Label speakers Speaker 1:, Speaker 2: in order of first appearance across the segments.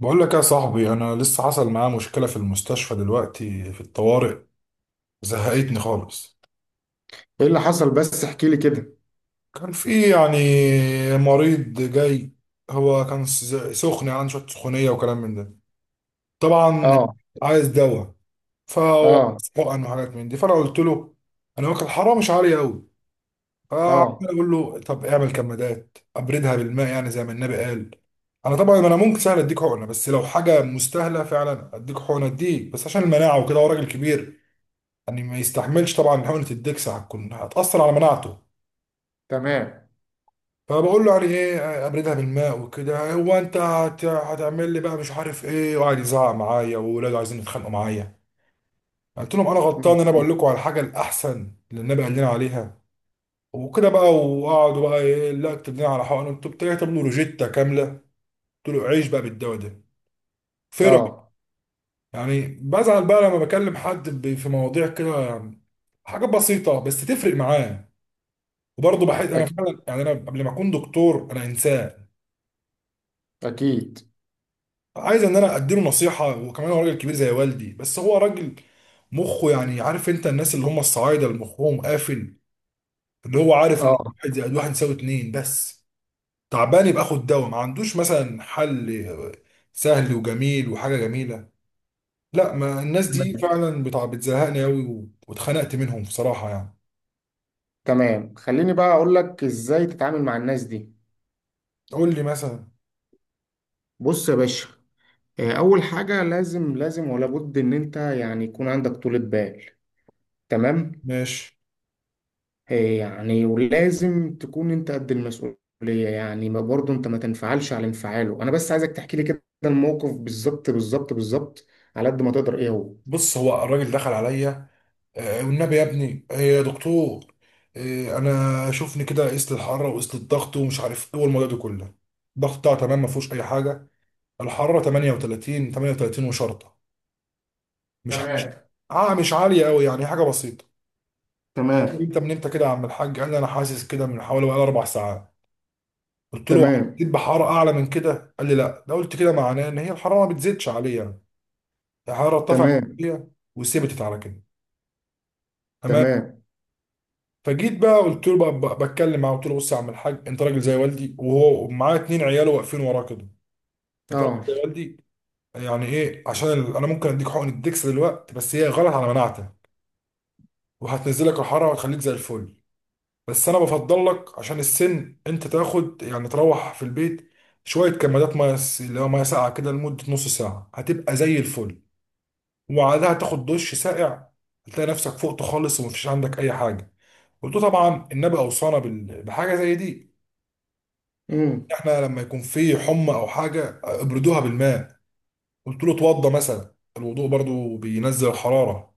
Speaker 1: بقول لك يا صاحبي، انا لسه حصل معايا مشكله في المستشفى دلوقتي في الطوارئ. زهقتني خالص.
Speaker 2: ايه اللي حصل بس احكي لي كده.
Speaker 1: كان في يعني مريض جاي. هو كان سخن يعني شويه سخونيه وكلام من ده. طبعا.
Speaker 2: اه
Speaker 1: عايز دواء. فهو
Speaker 2: اه
Speaker 1: عايز حقن وحاجات من دي فانا قلت له: انا واكل حرام مش عالي قوي. فعمال
Speaker 2: اه
Speaker 1: اقول له طب اعمل كمادات ابردها بالماء يعني زي ما النبي قال. انا طبعا انا ممكن سهل اديك حقنه، بس لو حاجه مستاهله فعلا اديك حقنه، اديك بس عشان المناعه وكده. هو راجل كبير يعني ما يستحملش. طبعا حقنة الدكس هتأثر على مناعته.
Speaker 2: تمام.
Speaker 1: فبقول له يعني ايه ابردها بالماء وكده. هو: انت هتعمل لي بقى مش عارف ايه، وقعد يزعق معايا، وولاده عايزين يتخانقوا معايا. قلت لهم: انا غلطان؟ انا بقول لكم على الحاجه الاحسن اللي النبي قال لنا عليها. وكده بقى وقعدوا بقى: ايه لا اكتب لنا على حقنه، انتوا بتكتب له روجيتا كامله. قلت له: عيش بقى بالدواء ده. فرح.
Speaker 2: اه
Speaker 1: يعني بزعل بقى لما بكلم حد في مواضيع كده، حاجات بسيطه بس تفرق معاه. وبرضه بحس انا
Speaker 2: اكيد
Speaker 1: فعلا يعني انا قبل ما اكون دكتور انا انسان.
Speaker 2: اكيد
Speaker 1: عايز ان انا اديله نصيحه، وكمان هو راجل كبير زي والدي. بس هو راجل مخه يعني عارف انت الناس اللي هم الصعايده اللي مخهم قافل، اللي هو عارف ان
Speaker 2: اه
Speaker 1: واحد زائد واحد يساوي اتنين بس. تعبان يبقى خد دواء، ما عندوش مثلا حل سهل وجميل وحاجه جميله. لا، ما الناس
Speaker 2: تمام
Speaker 1: دي فعلا بتزهقني قوي، واتخنقت منهم بصراحه يعني.
Speaker 2: تمام. خليني بقى اقول لك ازاي تتعامل مع الناس دي.
Speaker 1: قول لي مثلا.
Speaker 2: بص يا باشا، اول حاجه لازم ولا بد ان انت يعني يكون عندك طولة بال. تمام.
Speaker 1: ماشي.
Speaker 2: يعني ولازم تكون انت قد المسؤوليه، يعني ما برضه انت ما تنفعلش على انفعاله. انا بس عايزك تحكي لي كده الموقف بالظبط على قد ما تقدر ايه هو.
Speaker 1: بص، هو الراجل دخل عليا: والنبي يا ابني، يا دكتور، انا شوفني كده، قست الحراره وقست الضغط ومش عارف ايه والموضوع ده كله. الضغط بتاعه تمام ما فيهوش اي حاجه. الحراره 38 وشرطه، مش مش
Speaker 2: تمام
Speaker 1: اه مش عاليه قوي يعني حاجه بسيطه.
Speaker 2: تمام
Speaker 1: انت من امتى كده يا عم الحاج؟ قال لي: انا حاسس كده من حوالي بقى 4 ساعات. قلت له:
Speaker 2: تمام
Speaker 1: حسيت بحراره اعلى من كده؟ قال لي: لا. ده قلت كده معناه ان هي الحراره ما بتزيدش عليا يعني. الحراره ارتفعت
Speaker 2: تمام
Speaker 1: شوية وثبتت على كده. تمام.
Speaker 2: تمام.
Speaker 1: فجيت بقى قلت له بتكلم معاه. قلت له: بص يا عم الحاج، انت راجل زي والدي، وهو معاه 2 عياله واقفين وراه كده. انت راجل
Speaker 2: اه.
Speaker 1: زي والدي يعني ايه. عشان انا ممكن اديك حقن الدكس دلوقتي بس هي غلط على مناعتك، وهتنزلك الحراره وهتخليك زي الفل. بس انا بفضل لك عشان السن انت تاخد يعني تروح في البيت، شويه كمادات ميه اللي هو ميه ساقعه كده لمده نص ساعه هتبقى زي الفل، وبعدها تاخد دش ساقع هتلاقي نفسك فقت خالص ومفيش عندك اي حاجه. قلت له: طبعا النبي اوصانا بحاجه زي دي.
Speaker 2: امم.
Speaker 1: احنا لما يكون في حمى او حاجه ابردوها بالماء. قلت له: اتوضى مثلا، الوضوء برضو بينزل الحراره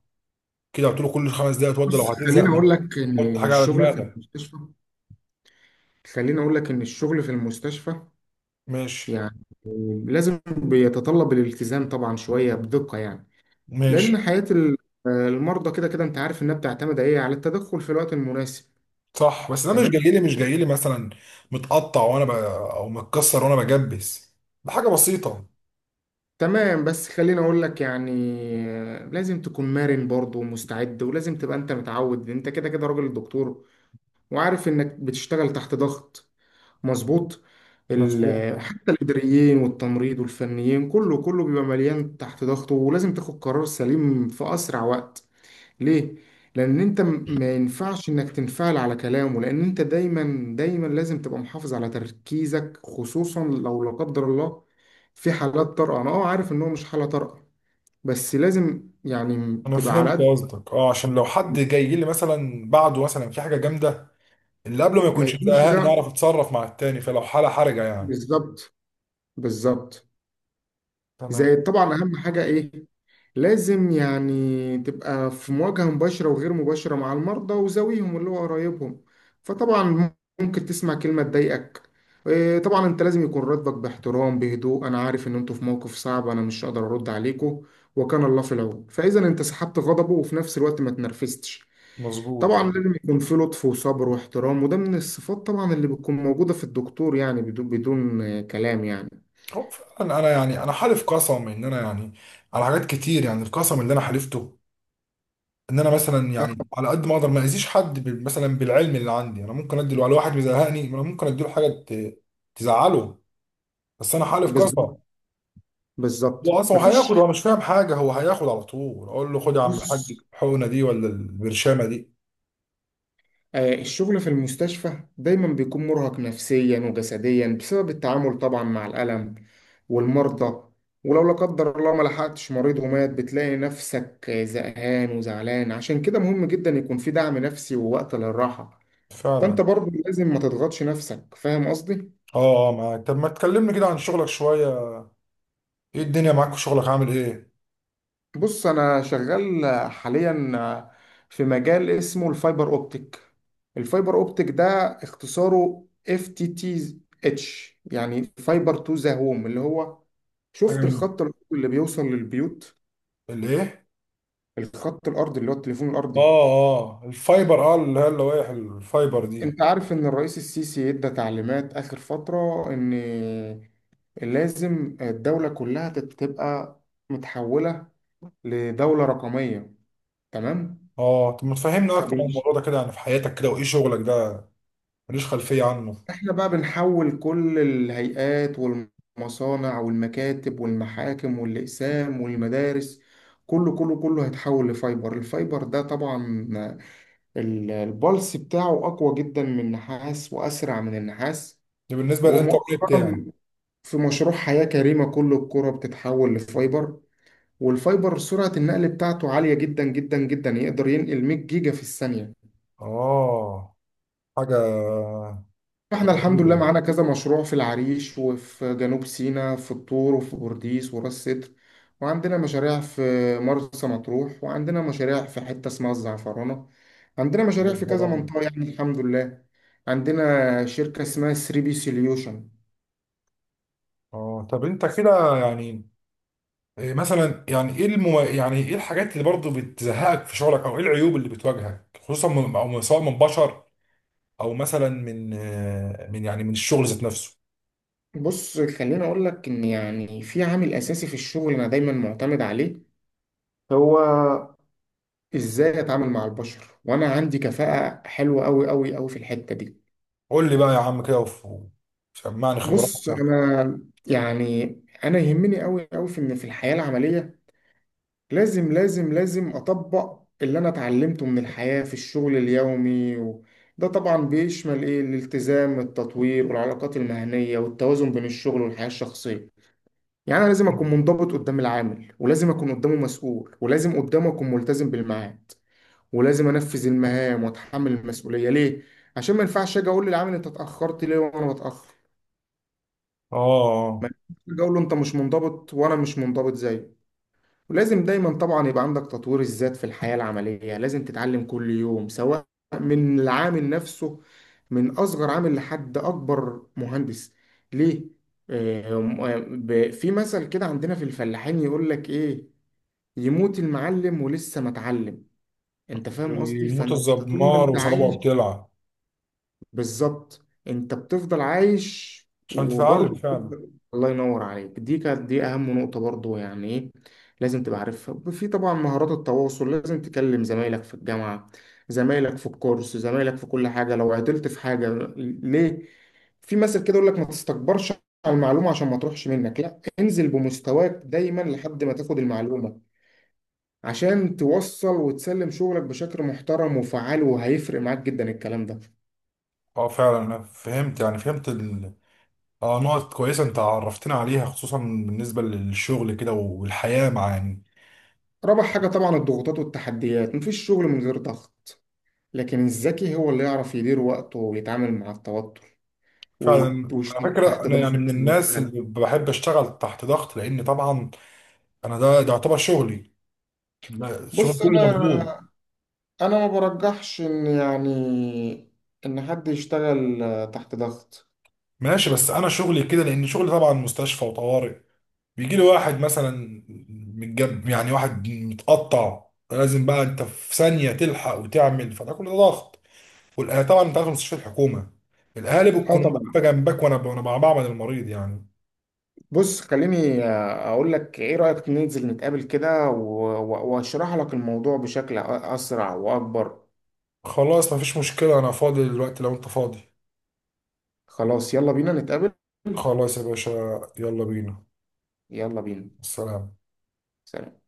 Speaker 1: كده. قلت له: كل 5 دقايق اتوضى لو
Speaker 2: بص
Speaker 1: هتزهق،
Speaker 2: خليني اقول
Speaker 1: من
Speaker 2: لك ان
Speaker 1: حط حاجه على
Speaker 2: الشغل في
Speaker 1: دماغك.
Speaker 2: المستشفى خليني اقول لك ان الشغل في المستشفى
Speaker 1: ماشي
Speaker 2: يعني لازم بيتطلب الالتزام طبعا شويه بدقه، يعني لان
Speaker 1: ماشي.
Speaker 2: المرضى كده كده انت عارف انها بتعتمد ايه على التدخل في الوقت المناسب.
Speaker 1: صح، بس ده مش جاي
Speaker 2: تمام
Speaker 1: لي مش جاي لي مثلا متقطع وانا او متكسر وانا بجبس، ده حاجه بسيطه.
Speaker 2: تمام. بس خليني اقول لك، يعني لازم تكون مرن برضه ومستعد، ولازم تبقى انت متعود. انت كده كده راجل دكتور وعارف انك بتشتغل تحت ضغط مظبوط.
Speaker 1: مظبوط.
Speaker 2: حتى الإداريين والتمريض والفنيين كله بيبقى مليان تحت ضغطه، ولازم تاخد قرار سليم في أسرع وقت. ليه؟ لأن ما ينفعش إنك تنفعل على كلامه، لأن أنت دايما لازم تبقى محافظ على تركيزك، خصوصا لو لا قدر الله في حالات طارئة. أنا عارف إن هو مش حالة طارئة، بس لازم يعني
Speaker 1: انا
Speaker 2: تبقى على
Speaker 1: فهمت
Speaker 2: قد
Speaker 1: قصدك، عشان لو حد جاي لي مثلا بعده مثلا في حاجه جامده اللي قبله ما
Speaker 2: ما
Speaker 1: يكونش
Speaker 2: يكونش
Speaker 1: مضايقها
Speaker 2: ده.
Speaker 1: نعرف نتصرف مع التاني، فلو حاله حرجه يعني.
Speaker 2: بالظبط بالظبط.
Speaker 1: تمام.
Speaker 2: زائد طبعا أهم حاجة إيه؟ لازم يعني تبقى في مواجهة مباشرة وغير مباشرة مع المرضى وزاويهم اللي هو قرايبهم. فطبعا ممكن تسمع كلمة تضايقك. طبعا انت لازم يكون ردك باحترام بهدوء: انا عارف ان انتوا في موقف صعب، انا مش هقدر ارد عليكم وكان الله في العون. فاذا انت سحبت غضبه وفي نفس الوقت ما تنرفزتش،
Speaker 1: مظبوط.
Speaker 2: طبعا لازم يكون في لطف وصبر واحترام، وده من الصفات طبعا اللي بتكون موجودة في الدكتور، يعني بدون كلام يعني.
Speaker 1: هو فعلا انا يعني انا حالف قسم ان انا يعني على حاجات كتير، يعني القسم اللي انا حلفته، ان انا مثلا يعني على قد ما اقدر ما اذيش حد مثلا بالعلم اللي عندي. انا ممكن ادي على واحد مزهقني، انا ممكن اديله حاجه تزعله، بس انا حالف قسم.
Speaker 2: بالظبط
Speaker 1: هو
Speaker 2: بالظبط.
Speaker 1: اصلا هياخد،
Speaker 2: مفيش.
Speaker 1: هو مش فاهم حاجه، هو هياخد على طول. اقول له: خد يا عم الحاج
Speaker 2: بص،
Speaker 1: الحقنه دي ولا البرشامه دي.
Speaker 2: الشغل في المستشفى دايما بيكون مرهق نفسيا وجسديا بسبب التعامل طبعا مع الألم والمرضى. ولو لا قدر الله ما لحقتش مريض ومات بتلاقي نفسك زهقان وزعلان. عشان كده مهم جدا يكون في دعم نفسي ووقت للراحة. فأنت
Speaker 1: فعلا.
Speaker 2: برضه لازم ما تضغطش نفسك. فاهم قصدي؟
Speaker 1: اه اه، معاك. طب ما تكلمني كده عن شغلك شويه. ايه الدنيا معاك في شغلك، عامل ايه؟
Speaker 2: بص انا شغال حاليا في مجال اسمه الفايبر اوبتيك. الفايبر اوبتيك ده اختصاره اف تي تي اتش، يعني فايبر تو ذا هوم، اللي هو
Speaker 1: حاجه
Speaker 2: شفت
Speaker 1: من
Speaker 2: الخط الأرضي اللي بيوصل للبيوت؟
Speaker 1: الايه؟
Speaker 2: الخط الارضي اللي هو التليفون الارضي.
Speaker 1: اه. اه الفايبر، اللي هي اللوائح الفايبر دي.
Speaker 2: انت عارف ان الرئيس السيسي ادى تعليمات اخر فترة ان لازم الدولة كلها تبقى متحولة لدولة رقمية؟ تمام.
Speaker 1: اه، طب ما تفهمنا اكتر عن الموضوع ده كده يعني في حياتك كده، وايه شغلك ده. ماليش خلفيه عنه.
Speaker 2: احنا بقى بنحول كل الهيئات والمصانع والمكاتب والمحاكم والأقسام والمدارس، كله هيتحول لفايبر. الفايبر ده طبعا البلس بتاعه أقوى جدا من النحاس وأسرع من النحاس.
Speaker 1: ده بالنسبه للانترنت
Speaker 2: ومؤخرا
Speaker 1: يعني؟
Speaker 2: في مشروع حياة كريمة كل القرى بتتحول لفايبر، والفايبر سرعة النقل بتاعته عالية جدا، يقدر ينقل 100 جيجا في الثانية.
Speaker 1: اه حاجه.
Speaker 2: احنا
Speaker 1: حاجه
Speaker 2: الحمد لله
Speaker 1: جميله.
Speaker 2: معانا كذا مشروع في العريش وفي جنوب سيناء في الطور وفي بورديس وراس سدر، وعندنا مشاريع في مرسى مطروح، وعندنا مشاريع في حتة اسمها الزعفرانة، عندنا مشاريع في كذا
Speaker 1: زعفرانه.
Speaker 2: منطقة، يعني الحمد لله. عندنا شركة اسمها 3 بي سوليوشن.
Speaker 1: اه، طب انت كده يعني إيه مثلا، يعني ايه يعني ايه الحاجات اللي برضه بتزهقك في شغلك، او ايه العيوب اللي بتواجهك خصوصا سواء من بشر، او مثلا من يعني من الشغل ذات نفسه.
Speaker 2: بص خليني اقول لك ان يعني في عامل اساسي في الشغل انا دايما معتمد عليه، هو ازاي اتعامل مع البشر، وانا عندي كفاءة حلوة قوي في الحتة دي.
Speaker 1: قول لي بقى يا عم كده وسمعني
Speaker 2: بص
Speaker 1: خبراتك.
Speaker 2: انا يعني انا يهمني قوي في ان في الحياه العمليه لازم اطبق اللي انا اتعلمته من الحياه في الشغل اليومي. و... ده طبعا بيشمل ايه؟ الالتزام، التطوير، والعلاقات المهنيه، والتوازن بين الشغل والحياه الشخصيه. يعني انا لازم اكون منضبط قدام العامل، ولازم اكون قدامه مسؤول، ولازم قدامه اكون ملتزم بالميعاد، ولازم انفذ المهام واتحمل المسؤوليه. ليه؟ عشان ما ينفعش اجي اقول للعامل انت اتاخرت ليه وانا بتاخر. ما
Speaker 1: اه،
Speaker 2: ينفعش أجي اقول له انت مش منضبط وانا مش منضبط زيه. ولازم دايما طبعا يبقى عندك تطوير الذات في الحياة العملية. لازم تتعلم كل يوم، سواء من العامل نفسه، من اصغر عامل لحد اكبر مهندس. ليه؟ آه، في مثل كده عندنا في الفلاحين يقول لك ايه: يموت المعلم ولسه ما اتعلم. انت فاهم قصدي؟
Speaker 1: زي موت
Speaker 2: فانت طول ما
Speaker 1: الزمار
Speaker 2: انت
Speaker 1: وصوابعه
Speaker 2: عايش،
Speaker 1: بتلعب.
Speaker 2: بالظبط، انت بتفضل عايش.
Speaker 1: عشان تتعلم
Speaker 2: وبرضه
Speaker 1: فعلا.
Speaker 2: بتفضل الله ينور عليك. دي كانت دي اهم نقطة. برضه يعني ايه؟ لازم تبقى عارفها. في طبعا مهارات التواصل، لازم تكلم زمايلك في الجامعة، زمايلك في الكورس، زمايلك في كل حاجة لو عطلت في حاجة. ليه؟ في مثل كده يقول لك ما تستكبرش على المعلومة عشان ما تروحش منك، لا انزل بمستواك دايما لحد ما تاخد المعلومة، عشان توصل وتسلم شغلك بشكل محترم وفعال، وهيفرق معاك جدا الكلام ده.
Speaker 1: اه فعلا انا فهمت يعني فهمت. اه، نقط كويسه انت عرفتنا عليها خصوصا بالنسبه للشغل كده والحياه، مع يعني.
Speaker 2: رابع حاجة طبعا الضغوطات والتحديات. مفيش شغل من غير ضغط، لكن الذكي هو اللي يعرف يدير وقته ويتعامل مع التوتر وي-
Speaker 1: فعلا، على
Speaker 2: ويشتغل
Speaker 1: فكره
Speaker 2: تحت
Speaker 1: انا يعني
Speaker 2: ضغط
Speaker 1: من الناس
Speaker 2: ويشتغل.
Speaker 1: اللي بحب اشتغل تحت ضغط لان طبعا انا ده يعتبر شغلي. لا، شغل
Speaker 2: بص
Speaker 1: كله
Speaker 2: أنا
Speaker 1: مضغوط.
Speaker 2: أنا ما برجحش إن يعني إن حد يشتغل تحت ضغط.
Speaker 1: ماشي، بس انا شغلي كده لان شغلي طبعا مستشفى وطوارئ. بيجي لي واحد مثلا متجب، يعني واحد متقطع، لازم بقى انت في ثانيه تلحق وتعمل، فده كله ضغط. والاهالي طبعا انت عارف مستشفى الحكومه الاهالي
Speaker 2: اه
Speaker 1: بتكون
Speaker 2: طبعا.
Speaker 1: واقفه جنبك، وانا بعمل المريض يعني.
Speaker 2: بص خليني اقول لك، ايه رأيك ننزل نتقابل كده واشرح لك الموضوع بشكل اسرع واكبر؟
Speaker 1: خلاص مفيش مشكله، انا فاضي دلوقتي لو انت فاضي.
Speaker 2: خلاص يلا بينا نتقابل.
Speaker 1: خلاص يا باشا. يلا بينا.
Speaker 2: يلا بينا.
Speaker 1: السلام.
Speaker 2: سلام.